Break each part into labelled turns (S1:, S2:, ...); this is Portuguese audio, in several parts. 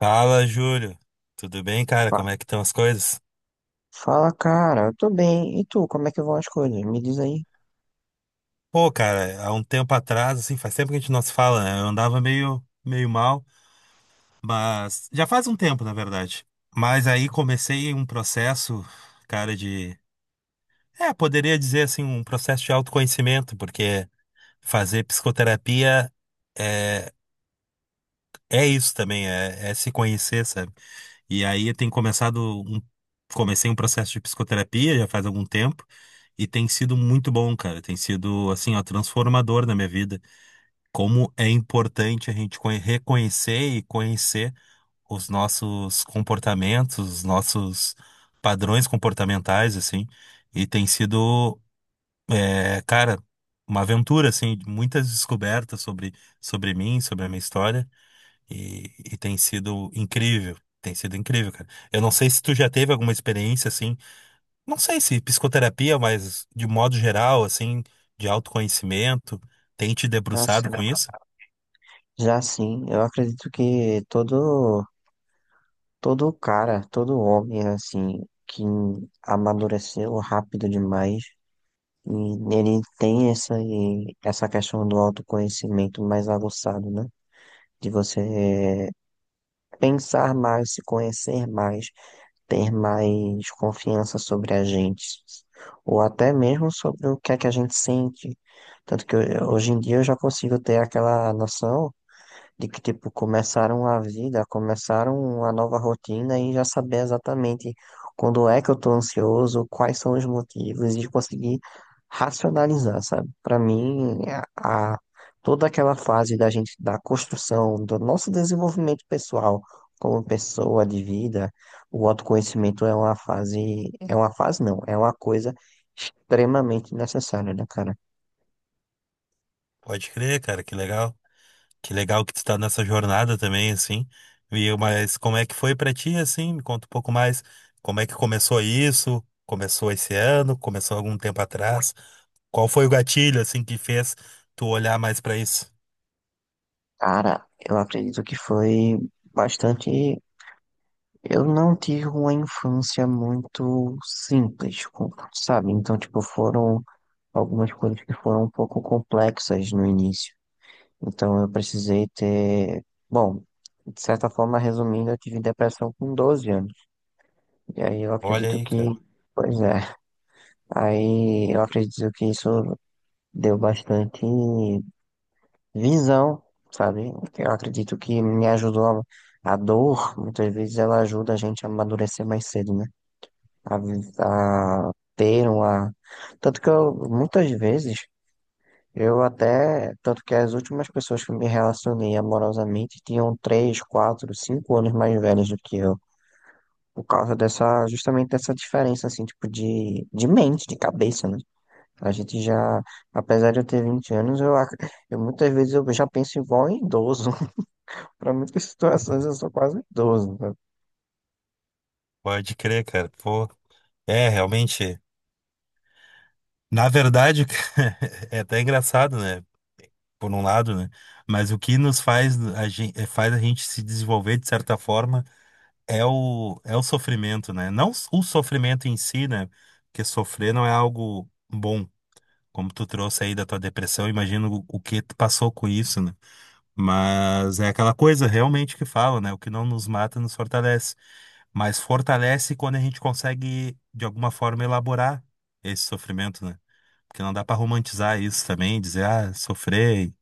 S1: Fala, Júlio. Tudo bem, cara?
S2: Fa-
S1: Como é que estão as coisas?
S2: Fala, cara, eu tô bem. E tu, como é que vão as coisas? Me diz aí.
S1: Pô, cara, há um tempo atrás, assim, faz tempo que a gente não se fala, né? Eu andava meio mal, mas já faz um tempo, na verdade. Mas aí comecei um processo, cara, poderia dizer assim, um processo de autoconhecimento, porque fazer psicoterapia é, é isso também, é se conhecer, sabe? E aí eu tenho começado um, comecei um processo de psicoterapia já faz algum tempo e tem sido muito bom, cara. Tem sido assim, ó, transformador na minha vida. Como é importante a gente reconhecer e conhecer os nossos comportamentos, os nossos padrões comportamentais, assim. E tem sido, cara, uma aventura, assim, de muitas descobertas sobre mim, sobre a minha história. E tem sido incrível. Tem sido incrível, cara. Eu não sei se tu já teve alguma experiência assim, não sei se psicoterapia, mas de modo geral, assim, de autoconhecimento, tem te
S2: Já
S1: debruçado
S2: sim,
S1: com isso?
S2: já sim. Eu acredito que todo cara, todo homem, assim, que amadureceu rápido demais, e ele tem essa questão do autoconhecimento mais aguçado, né? De você pensar mais, se conhecer mais, ter mais confiança sobre a gente, ou até mesmo sobre o que é que a gente sente. Tanto que hoje em dia eu já consigo ter aquela noção de que, tipo, começaram a vida, começaram uma nova rotina e já saber exatamente quando é que eu tô ansioso, quais são os motivos e conseguir racionalizar, sabe? Para mim, a, a- toda aquela fase da gente, da construção, do nosso desenvolvimento pessoal como pessoa de vida, o autoconhecimento é uma fase não, é uma coisa extremamente necessária, né, cara?
S1: Pode crer, cara, que legal. Que legal que tu tá nessa jornada também, assim. Mas como é que foi pra ti, assim? Me conta um pouco mais. Como é que começou isso? Começou esse ano? Começou algum tempo atrás? Qual foi o gatilho, assim, que fez tu olhar mais pra isso?
S2: Cara, eu acredito que foi bastante. Eu não tive uma infância muito simples, sabe? Então, tipo, foram algumas coisas que foram um pouco complexas no início. Então, eu precisei ter. Bom, de certa forma, resumindo, eu tive depressão com 12 anos. E aí eu
S1: Olha
S2: acredito
S1: aí,
S2: que.
S1: cara.
S2: Pois é. Aí eu acredito que isso deu bastante visão, sabe? Eu acredito que me ajudou. A dor, muitas vezes, ela ajuda a gente a amadurecer mais cedo, né? A ter uma. Tanto que eu, muitas vezes, eu até. Tanto que as últimas pessoas que eu me relacionei amorosamente tinham três, quatro, cinco anos mais velhos do que eu. Por causa dessa, justamente dessa diferença, assim, tipo, de mente, de cabeça, né? A gente já, apesar de eu ter 20 anos, eu, eu muitas vezes eu já penso igual em idoso. Para muitas situações eu sou quase um idoso, né?
S1: Pode crer, cara. Pô, realmente. Na verdade, é até engraçado, né? Por um lado, né? Mas o que nos faz a gente se desenvolver de certa forma é é o sofrimento, né? Não s- O sofrimento em si, né? Porque sofrer não é algo bom, como tu trouxe aí da tua depressão, imagino o que tu passou com isso, né? Mas é aquela coisa realmente que fala, né? O que não nos mata nos fortalece. Mas fortalece quando a gente consegue, de alguma forma, elaborar esse sofrimento, né? Porque não dá pra romantizar isso também, dizer, ah, sofrer.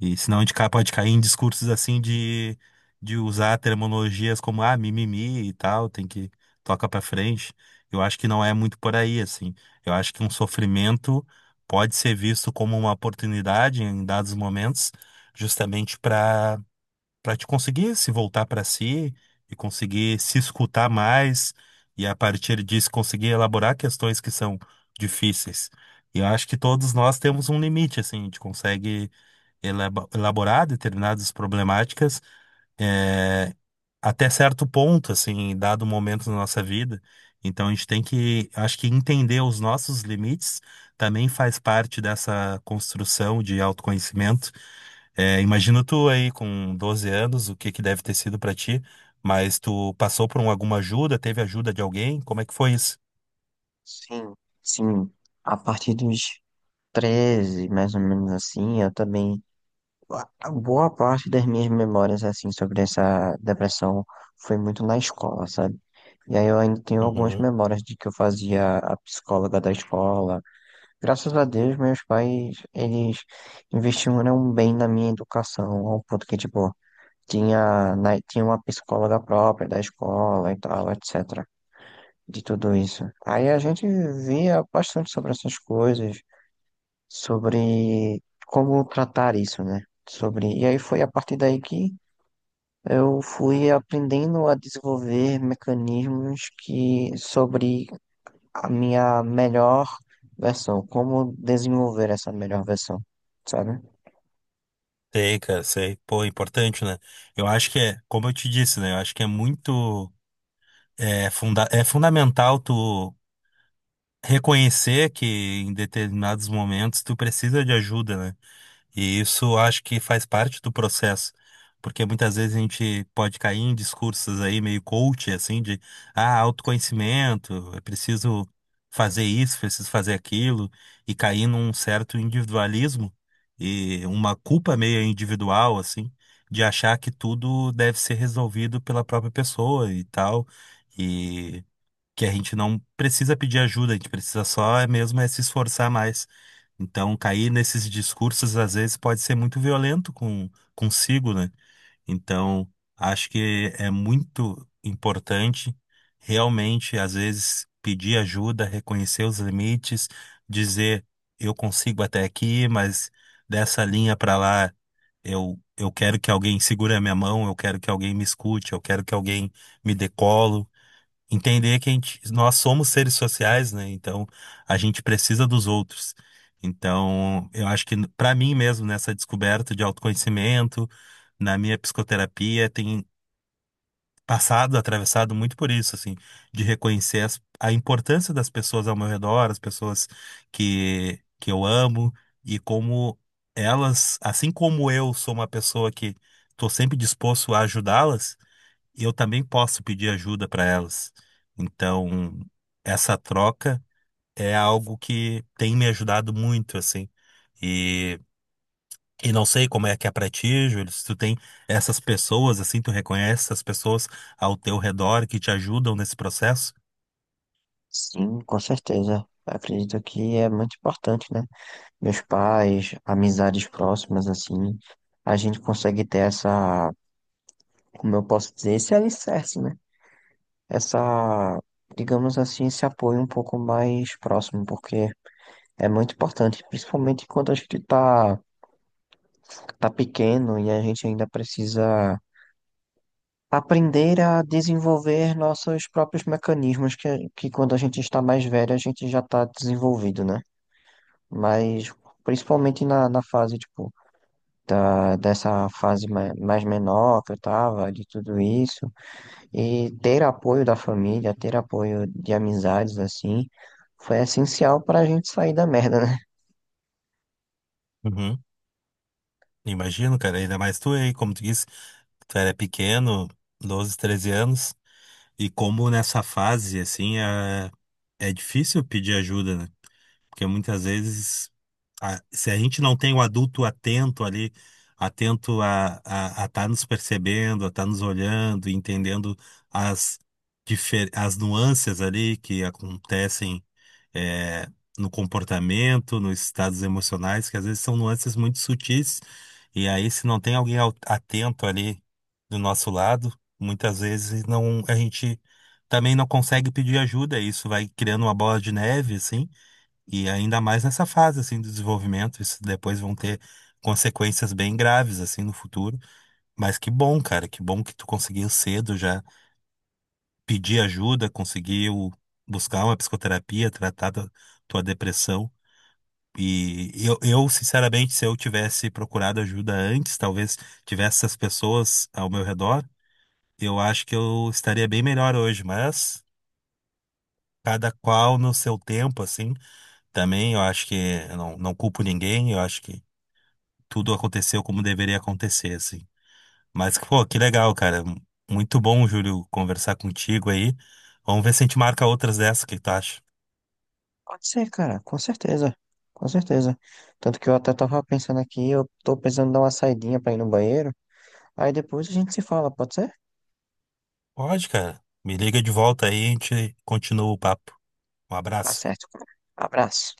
S1: E senão a gente pode cair em discursos assim de usar terminologias como, ah, mimimi e tal, tem que toca pra frente. Eu acho que não é muito por aí, assim. Eu acho que um sofrimento pode ser visto como uma oportunidade em dados momentos, justamente para te conseguir se voltar para si e conseguir se escutar mais e a partir disso conseguir elaborar questões que são difíceis. E eu acho que todos nós temos um limite, assim, a gente consegue elaborar determinadas problemáticas, é, até certo ponto, assim, dado o momento da nossa vida. Então a gente tem que, acho que entender os nossos limites também faz parte dessa construção de autoconhecimento. É, imagina tu aí com 12 anos, o que que deve ter sido pra ti, mas tu passou alguma ajuda, teve ajuda de alguém? Como é que foi isso?
S2: Sim, sim. A partir dos 13 mais ou menos assim, eu também. A boa parte das minhas memórias, assim, sobre essa depressão foi muito na escola, sabe? E aí eu ainda tenho algumas
S1: Uhum.
S2: memórias de que eu fazia a psicóloga da escola. Graças a Deus, meus pais, eles investiram bem na minha educação, ao ponto que, tipo, tinha uma psicóloga própria da escola e tal, etc. De tudo isso. Aí a gente via bastante sobre essas coisas sobre como tratar isso, né? Sobre, e aí foi a partir daí que eu fui aprendendo a desenvolver mecanismos que sobre a minha melhor versão, como desenvolver essa melhor versão, sabe?
S1: Sei, cara, sei. Pô, é importante, né? Eu acho que é, como eu te disse, né? Eu acho que é muito, é, funda é fundamental tu reconhecer que em determinados momentos tu precisa de ajuda, né? E isso acho que faz parte do processo, porque muitas vezes a gente pode cair em discursos aí meio coach, assim, de ah, autoconhecimento, é preciso fazer isso, preciso fazer aquilo, e cair num certo individualismo e uma culpa meio individual, assim, de achar que tudo deve ser resolvido pela própria pessoa e tal que a gente não precisa pedir ajuda, a gente precisa só é mesmo é se esforçar mais. Então, cair nesses discursos às vezes pode ser muito violento com consigo, né? Então, acho que é muito importante realmente às vezes pedir ajuda, reconhecer os limites, dizer eu consigo até aqui, mas dessa linha para lá eu quero que alguém segure a minha mão, eu quero que alguém me escute, eu quero que alguém me decolo entender que a gente, nós somos seres sociais, né? Então a gente precisa dos outros. Então, eu acho que para mim mesmo, nessa descoberta de autoconhecimento, na minha psicoterapia, tem passado, atravessado muito por isso, assim, de reconhecer a importância das pessoas ao meu redor, as pessoas que eu amo, e como elas, assim como eu sou uma pessoa que estou sempre disposto a ajudá-las, e eu também posso pedir ajuda para elas. Então, essa troca é algo que tem me ajudado muito, assim. E, e não sei como é que é para ti, Júlio, se tu tem essas pessoas, assim, tu reconhece essas pessoas ao teu redor que te ajudam nesse processo?
S2: Sim, com certeza. Acredito que é muito importante, né? Meus pais, amizades próximas, assim, a gente consegue ter essa, como eu posso dizer, esse alicerce, né? Essa, digamos assim, esse apoio um pouco mais próximo, porque é muito importante, principalmente quando a gente tá pequeno e a gente ainda precisa aprender a desenvolver nossos próprios mecanismos, que quando a gente está mais velho, a gente já está desenvolvido, né? Mas principalmente na fase, tipo, ah, dessa fase mais menor que eu tava, de tudo isso. E ter apoio da família, ter apoio de amizades, assim, foi essencial pra gente sair da merda, né?
S1: Uhum. Imagino, cara, ainda mais tu aí, como tu disse, tu era pequeno, 12, 13 anos, e como nessa fase, assim, é difícil pedir ajuda, né? Porque muitas vezes, se a gente não tem o adulto atento ali, atento a a tá nos percebendo, a estar nos olhando, e entendendo as, as nuances ali que acontecem eh, no comportamento, nos estados emocionais, que às vezes são nuances muito sutis, e aí se não tem atento ali do nosso lado, muitas vezes não, a gente também não consegue pedir ajuda, e isso vai criando uma bola de neve, assim e ainda mais nessa fase assim do desenvolvimento, isso depois vão ter consequências bem graves assim no futuro. Mas que bom, cara, que bom que tu conseguiu cedo já pedir ajuda, conseguiu buscar uma psicoterapia, tratar da tua depressão. E sinceramente, se eu tivesse procurado ajuda antes, talvez tivesse essas pessoas ao meu redor, eu acho que eu estaria bem melhor hoje, mas cada qual no seu tempo, assim, também eu acho que eu não culpo ninguém, eu acho que tudo aconteceu como deveria acontecer, assim. Mas, pô, que legal, cara. Muito bom, Júlio, conversar contigo aí. Vamos ver se a gente marca outras dessas, o que tu acha?
S2: Pode ser, cara, com certeza. Com certeza. Tanto que eu até tava pensando aqui, eu tô precisando dar uma saidinha pra ir no banheiro. Aí depois a gente se fala, pode ser?
S1: Pode, cara. Me liga de volta aí, e a gente continua o papo. Um
S2: Tá
S1: abraço.
S2: certo, cara. Abraço.